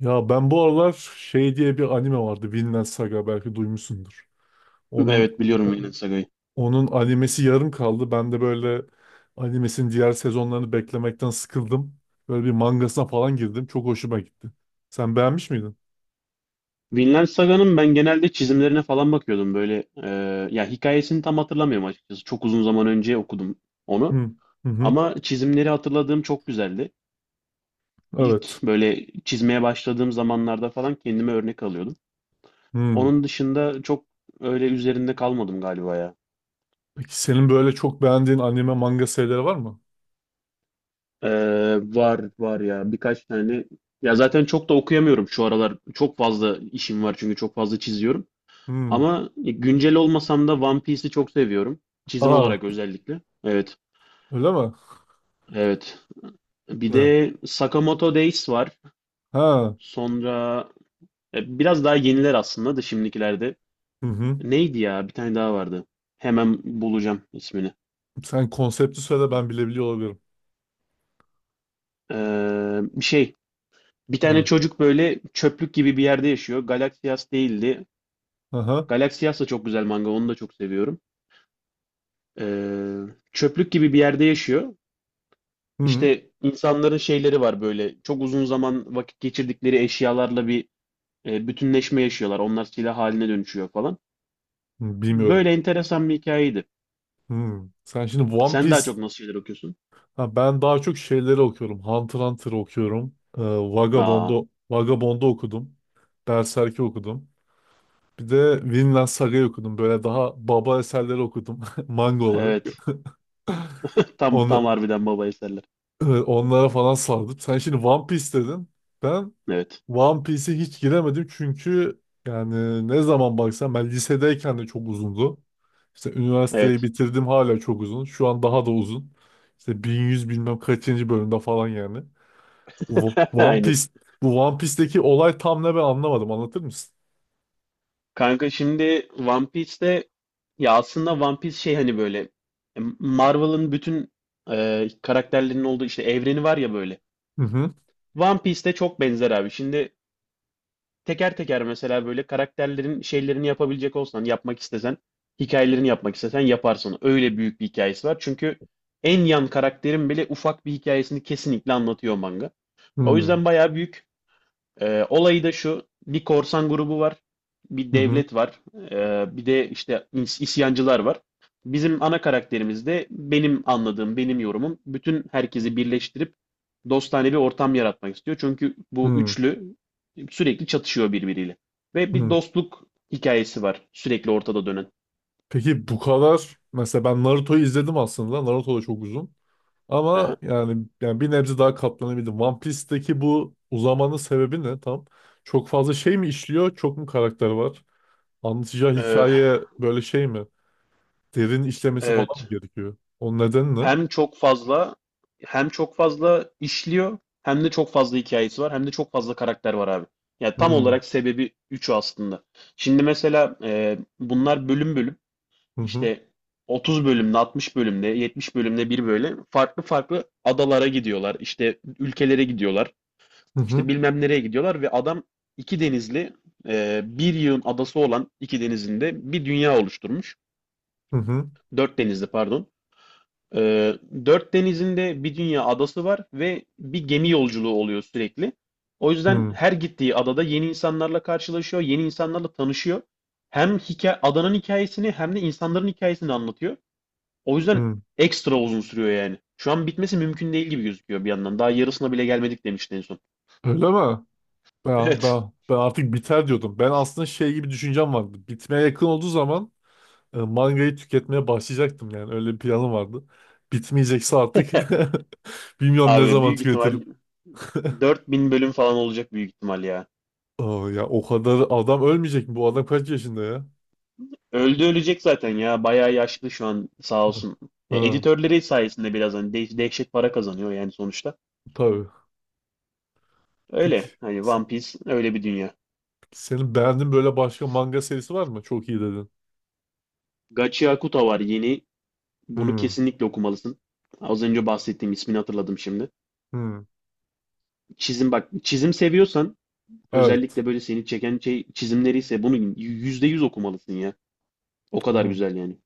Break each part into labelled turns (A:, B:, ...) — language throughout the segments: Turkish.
A: Ya ben bu aralar şey diye bir anime vardı. Vinland Saga belki duymuşsundur. Onun
B: Evet biliyorum
A: o-
B: Vinland Saga'yı.
A: onun animesi yarım kaldı. Ben de böyle animesinin diğer sezonlarını beklemekten sıkıldım. Böyle bir mangasına falan girdim. Çok hoşuma gitti. Sen beğenmiş miydin?
B: Vinland Saga'nın ben genelde çizimlerine falan bakıyordum böyle. Ya hikayesini tam hatırlamıyorum açıkçası. Çok uzun zaman önce okudum
A: Hı
B: onu.
A: hı. Hı.
B: Ama çizimleri hatırladığım çok güzeldi.
A: Evet.
B: İlk böyle çizmeye başladığım zamanlarda falan kendime örnek alıyordum.
A: Hı.
B: Onun dışında çok öyle üzerinde kalmadım galiba ya.
A: Peki senin böyle çok beğendiğin anime manga serileri var mı?
B: E, Var var ya birkaç tane. Ya zaten çok da okuyamıyorum şu aralar. Çok fazla işim var çünkü çok fazla çiziyorum.
A: Hı.
B: Ama güncel olmasam da One Piece'i çok seviyorum. Çizim
A: Aa,
B: olarak özellikle. Evet,
A: öyle mi?
B: evet. Bir
A: Hı.
B: de Sakamoto Days var.
A: Ha.
B: Sonra biraz daha yeniler aslında da şimdikilerde.
A: Hı hı.
B: Neydi ya? Bir tane daha vardı. Hemen bulacağım ismini.
A: Sen konsepti söyle ben bilebiliyor olabilirim.
B: Bir şey. Bir tane
A: Hı.
B: çocuk böyle çöplük gibi bir yerde yaşıyor. Galaxias değildi.
A: Aha.
B: Galaxias da çok güzel manga. Onu da çok seviyorum. Ee, çöplük gibi bir yerde yaşıyor.
A: Hı.
B: İşte insanların şeyleri var böyle. Çok uzun zaman vakit geçirdikleri eşyalarla bir bütünleşme yaşıyorlar. Onlar silah haline dönüşüyor falan.
A: Bilmiyorum.
B: Böyle enteresan bir hikayeydi.
A: Hmm. Sen şimdi One
B: Sen
A: Piece,
B: daha çok nasıl şeyler okuyorsun?
A: ha, ben daha çok şeyleri okuyorum. Hunter x Hunter okuyorum.
B: Aa,
A: Vagabond'u okudum. Berserk'i okudum. Bir de Vinland Saga'yı okudum. Böyle daha baba eserleri okudum manga olarak.
B: evet. Tam
A: Onu,
B: harbiden baba eserler.
A: Onlara falan sardım. Sen şimdi One Piece dedin. Ben
B: Evet.
A: One Piece'e hiç giremedim çünkü yani ne zaman baksam ben lisedeyken de çok uzundu. İşte üniversiteyi
B: Evet.
A: bitirdim hala çok uzun. Şu an daha da uzun. İşte 1100 bilmem kaçıncı bölümde falan yani. Bu bu One
B: Aynen.
A: Piece bu One Piece'teki olay tam ne ben anlamadım. Anlatır mısın?
B: Kanka şimdi One Piece'te ya aslında One Piece şey hani böyle Marvel'ın bütün karakterlerinin olduğu işte evreni var ya böyle.
A: Hı hı.
B: One Piece'te çok benzer abi. Şimdi teker teker mesela böyle karakterlerin şeylerini yapabilecek olsan, yapmak istesen, hikayelerini yapmak istesen yaparsın. Öyle büyük bir hikayesi var. Çünkü en yan karakterin bile ufak bir hikayesini kesinlikle anlatıyor manga.
A: Hı
B: O
A: hı.
B: yüzden bayağı büyük. Olayı da şu, bir korsan grubu var, bir
A: Hı
B: devlet var, bir de işte isyancılar var. Bizim ana karakterimiz de benim anladığım, benim yorumum bütün herkesi birleştirip dostane bir ortam yaratmak istiyor. Çünkü bu
A: hı.
B: üçlü sürekli çatışıyor birbiriyle. Ve bir
A: Hı.
B: dostluk hikayesi var sürekli ortada dönen.
A: Peki bu kadar mesela ben Naruto'yu izledim aslında. Naruto da çok uzun.
B: Aha.
A: Ama yani bir nebze daha katlanabildim. One Piece'teki bu uzamanın sebebi ne tam? Çok fazla şey mi işliyor? Çok mu karakter var? Anlatacağı
B: Ee,
A: hikaye böyle şey mi? Derin işlemesi falan mı
B: evet.
A: gerekiyor? O neden ne?
B: Hem çok fazla hem çok fazla işliyor hem de çok fazla hikayesi var hem de çok fazla karakter var abi. Yani tam
A: Hmm.
B: olarak sebebi üçü aslında. Şimdi mesela bunlar bölüm bölüm
A: Hı hı.
B: işte 30 bölümde, 60 bölümde, 70 bölümde bir böyle farklı farklı adalara gidiyorlar. İşte ülkelere gidiyorlar.
A: Hı
B: İşte
A: hı.
B: bilmem nereye gidiyorlar ve adam iki denizli bir yığın adası olan iki denizinde bir dünya oluşturmuş.
A: Hı hı.
B: Dört denizli pardon. Ee, dört denizinde bir dünya adası var ve bir gemi yolculuğu oluyor sürekli. O yüzden
A: Hı
B: her gittiği adada yeni insanlarla karşılaşıyor, yeni insanlarla tanışıyor. Hem hikaye, adanın hikayesini hem de insanların hikayesini anlatıyor. O yüzden
A: hı.
B: ekstra uzun sürüyor yani. Şu an bitmesi mümkün değil gibi gözüküyor bir yandan. Daha yarısına bile gelmedik demişti en son.
A: Öyle mi? Ben,
B: Evet.
A: ben, ben artık biter diyordum. Ben aslında şey gibi düşüncem vardı. Bitmeye yakın olduğu zaman mangayı tüketmeye başlayacaktım yani. Öyle bir planım vardı. Bitmeyecekse artık bilmiyorum ne
B: Abi
A: zaman
B: büyük ihtimal
A: tüketirim.
B: 4000 bölüm falan olacak büyük ihtimal ya.
A: Aa, ya o kadar adam ölmeyecek mi? Bu adam kaç yaşında ya?
B: Öldü ölecek zaten ya. Bayağı yaşlı şu an sağ olsun. Ya,
A: Ha,
B: editörleri sayesinde biraz hani dehşet para kazanıyor yani sonuçta.
A: tabii. Peki.
B: Öyle. Hani
A: se-
B: One Piece öyle bir dünya.
A: Senin beğendiğin böyle başka manga serisi var mı? Çok iyi dedin.
B: Gachi Akuta var yeni. Bunu
A: Hmm.
B: kesinlikle okumalısın. Az önce bahsettiğim ismini hatırladım şimdi.
A: Hmm.
B: Çizim bak çizim seviyorsan
A: Evet.
B: özellikle böyle seni çeken şey çizimleri ise bunu %100 okumalısın ya. O kadar
A: Hmm.
B: güzel yani.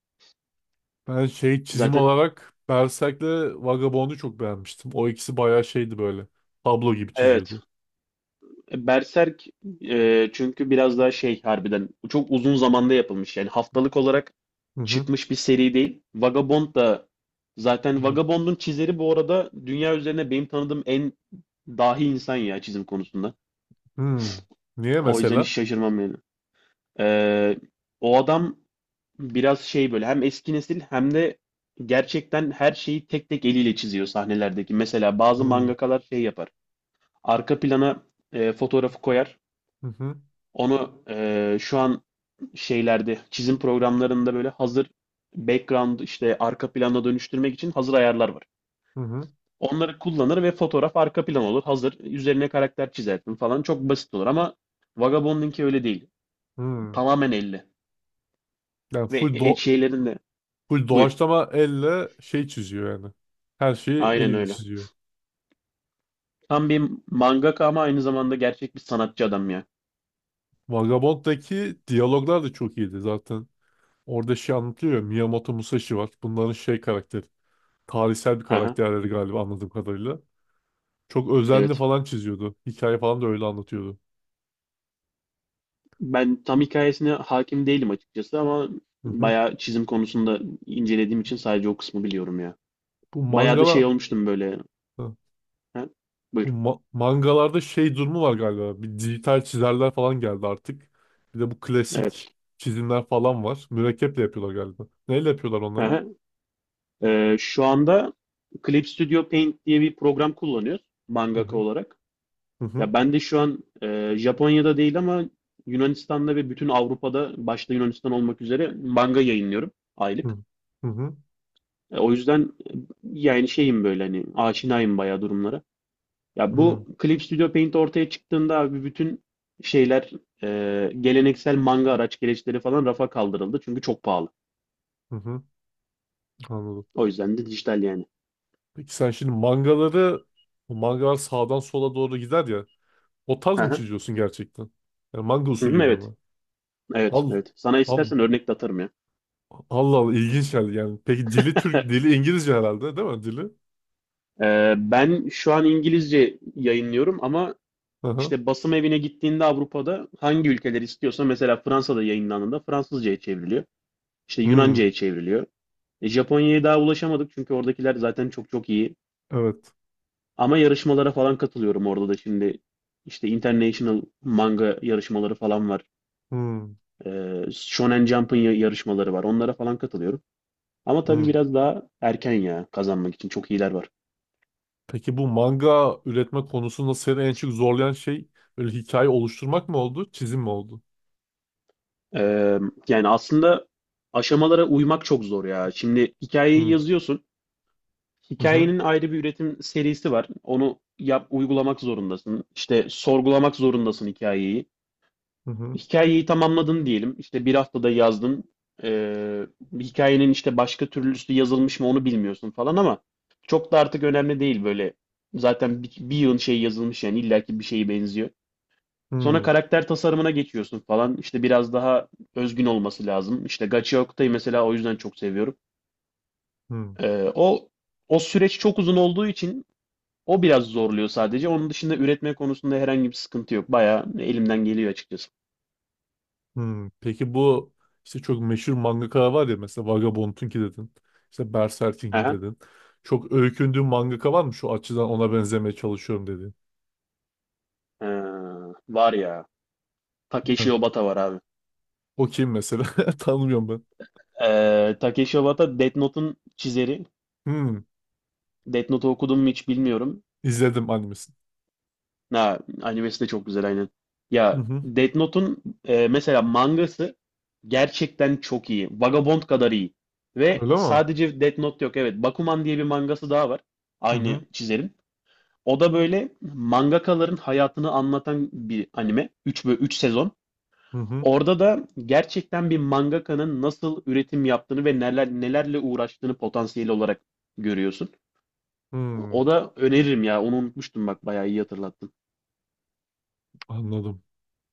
A: Ben şey çizim
B: Zaten
A: olarak Berserk'le Vagabond'u çok beğenmiştim. O ikisi bayağı şeydi böyle. Tablo gibi
B: evet.
A: çiziyordu.
B: Berserk çünkü biraz daha şey harbiden çok uzun zamanda yapılmış yani haftalık olarak
A: Hı hı.
B: çıkmış bir seri değil. Vagabond da
A: Hı
B: zaten
A: hı.
B: Vagabond'un çizeri bu arada dünya üzerine benim tanıdığım en dahi insan ya çizim konusunda.
A: Hmm. Niye
B: O yüzden hiç
A: mesela?
B: şaşırmam yani. Ee, o adam biraz şey böyle hem eski nesil hem de gerçekten her şeyi tek tek eliyle çiziyor sahnelerdeki. Mesela bazı
A: Hmm.
B: mangakalar şey yapar. Arka plana fotoğrafı koyar.
A: Hı hı.
B: Onu şu an şeylerde çizim programlarında böyle hazır background işte arka plana dönüştürmek için hazır ayarlar var.
A: Hı hı.
B: Onları kullanır ve fotoğraf arka plan olur. Hazır üzerine karakter çizersin falan çok basit olur ama Vagabond'unki öyle değil.
A: Hmm.
B: Tamamen elle
A: Yani
B: ve
A: full do
B: şeylerin de
A: full
B: buyur.
A: doğaçlama elle şey çiziyor yani. Her şeyi
B: Aynen
A: eliyle
B: öyle.
A: çiziyor.
B: Tam bir mangaka ama aynı zamanda gerçek bir sanatçı adam ya.
A: Vagabond'daki diyaloglar da çok iyiydi zaten. Orada şey anlatıyor ya, Miyamoto Musashi var. Bunların şey karakteri. Tarihsel bir
B: Aha,
A: karakterleri galiba anladığım kadarıyla. Çok özenli
B: evet.
A: falan çiziyordu. Hikaye falan da öyle anlatıyordu.
B: Ben tam hikayesine hakim değilim açıkçası ama
A: Hı hı.
B: bayağı çizim konusunda incelediğim için sadece o kısmı biliyorum ya.
A: Bu
B: Bayağı da
A: mangala
B: şey olmuştum böyle.
A: Hı.
B: Ha?
A: bu
B: Buyur.
A: ma- mangalarda şey durumu var galiba. Bir dijital çizerler falan geldi artık. Bir de bu klasik
B: Evet.
A: çizimler falan var. Mürekkeple yapıyorlar galiba. Neyle yapıyorlar onları?
B: Hı. Şu anda Clip Studio Paint diye bir program kullanıyoruz
A: Hı
B: mangaka
A: hı.
B: olarak.
A: Hı
B: Ya
A: hı.
B: ben de şu an Japonya'da değil ama Yunanistan'da ve bütün Avrupa'da başta Yunanistan olmak üzere manga yayınlıyorum aylık.
A: Hı hı.
B: O yüzden yani şeyim böyle hani aşinayım bayağı durumlara.
A: Hı
B: Ya
A: hı.
B: bu Clip Studio Paint ortaya çıktığında abi bütün şeyler geleneksel manga araç gereçleri falan rafa kaldırıldı çünkü çok pahalı.
A: Hı hı. Anladım.
B: O yüzden de dijital yani.
A: Peki sen şimdi mangaları, bu mangalar sağdan sola doğru gider ya. O tarz
B: Hı
A: mı
B: hı.
A: çiziyorsun gerçekten? Yani manga
B: Hı hı,
A: usulüyle
B: evet.
A: mi?
B: Evet,
A: Al,
B: evet. Sana
A: al.
B: istersen örnek de atarım ya.
A: Allah Allah, ilginç geldi yani. Peki dili Türk, dili İngilizce herhalde, değil mi dili?
B: Ben şu an İngilizce yayınlıyorum ama
A: Hı hı.
B: işte basım evine gittiğinde Avrupa'da hangi ülkeler istiyorsa mesela Fransa'da yayınlandığında Fransızca'ya çevriliyor. İşte
A: Hmm,
B: Yunanca'ya çevriliyor. Japonya'ya daha ulaşamadık çünkü oradakiler zaten çok çok iyi.
A: evet.
B: Ama yarışmalara falan katılıyorum orada da şimdi. İşte International manga yarışmaları falan var.
A: Hmm.
B: Shonen Jump'ın yarışmaları var. Onlara falan katılıyorum. Ama tabii
A: Hmm.
B: biraz daha erken ya kazanmak için çok iyiler var.
A: Peki bu manga üretme konusunda seni en çok zorlayan şey böyle hikaye oluşturmak mı oldu, çizim mi oldu?
B: Ee, yani aslında aşamalara uymak çok zor ya. Şimdi hikayeyi
A: Hmm.
B: yazıyorsun.
A: Hı hı.
B: Hikayenin ayrı bir üretim serisi var. Onu yap, uygulamak zorundasın. İşte sorgulamak zorundasın hikayeyi.
A: Hı hı.
B: Hikayeyi tamamladın diyelim. İşte bir haftada yazdın. Ee, hikayenin işte başka türlüsü yazılmış mı onu bilmiyorsun falan ama çok da artık önemli değil böyle. Zaten bir yığın şey yazılmış yani illaki bir şeye benziyor. Sonra
A: Hmm.
B: karakter tasarımına geçiyorsun falan. İşte biraz daha özgün olması lazım. İşte Gachi Oku'yu mesela o yüzden çok seviyorum.
A: Hı.
B: Ee, o o süreç çok uzun olduğu için o biraz zorluyor sadece. Onun dışında üretme konusunda herhangi bir sıkıntı yok. Bayağı elimden geliyor açıkçası.
A: Hmm, peki bu işte çok meşhur mangaka var ya, mesela Vagabond'unki dedin. İşte Berserk'inki
B: Aha.
A: dedin. Çok öykündüğün mangaka var mı, şu açıdan ona benzemeye çalışıyorum dediğin?
B: Ee, var ya. Takeshi
A: Evet.
B: Obata var abi.
A: O kim mesela? Tanımıyorum ben.
B: Takeshi Obata Death Note'un çizeri.
A: Hmm,
B: Death Note'u okudum mu hiç bilmiyorum.
A: izledim animesini.
B: Ha, animesi de çok güzel aynen.
A: Hı
B: Ya
A: hı.
B: Death Note'un mesela mangası gerçekten çok iyi. Vagabond kadar iyi. Ve
A: Öyle mi?
B: sadece Death Note yok. Evet, Bakuman diye bir mangası daha var.
A: Hı
B: Aynı
A: hı.
B: çizerin. O da böyle mangakaların hayatını anlatan bir anime. Üç ve 3 sezon.
A: Hı hı.
B: Orada da gerçekten bir mangakanın nasıl üretim yaptığını ve neler nelerle uğraştığını potansiyel olarak görüyorsun. O
A: Hmm,
B: da öneririm ya. Onu unutmuştum bak. Bayağı iyi hatırlattın.
A: anladım.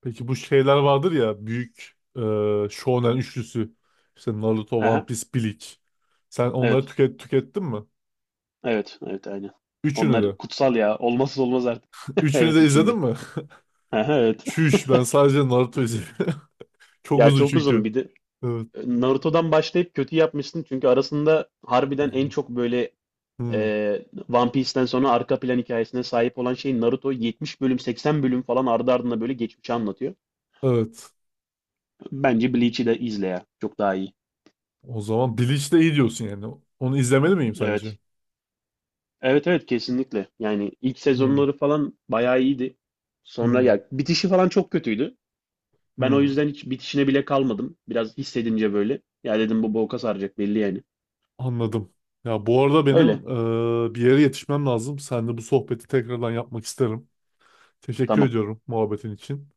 A: Peki bu şeyler vardır ya, büyük Shonen üçlüsü. İşte Naruto,
B: Hı
A: One
B: hı,
A: Piece, Bleach. Sen onları
B: evet.
A: tükettin mi?
B: Evet, evet aynen.
A: Üçünü de.
B: Onlar kutsal ya. Olmazsa olmaz artık.
A: Üçünü
B: Evet
A: de izledin
B: içinde.
A: mi?
B: Aha, evet.
A: Çüş, ben sadece Naruto izliyorum. Çok
B: Ya
A: uzun
B: çok
A: çünkü.
B: uzun. Bir de
A: Evet.
B: Naruto'dan başlayıp kötü yapmışsın. Çünkü arasında harbiden en çok böyle
A: Hmm.
B: e, One Piece'ten sonra arka plan hikayesine sahip olan şey Naruto 70 bölüm 80 bölüm falan ardı ardına böyle geçmişi anlatıyor.
A: Evet.
B: Bence Bleach'i de izle ya. Çok daha iyi.
A: O zaman Bleach de iyi diyorsun yani. Onu izlemeli miyim sence?
B: Evet. Evet evet kesinlikle. Yani ilk
A: Hmm.
B: sezonları falan bayağı iyiydi. Sonra
A: Hmm.
B: ya bitişi falan çok kötüydü. Ben o
A: Hmm.
B: yüzden hiç bitişine bile kalmadım. Biraz hissedince böyle. Ya dedim bu boka saracak belli yani.
A: Anladım. Ya bu arada benim
B: Öyle.
A: bir yere yetişmem lazım. Seninle bu sohbeti tekrardan yapmak isterim. Teşekkür
B: Tamam.
A: ediyorum muhabbetin için.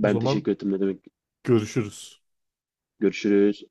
A: O zaman
B: teşekkür ettim ne demek.
A: görüşürüz.
B: Görüşürüz.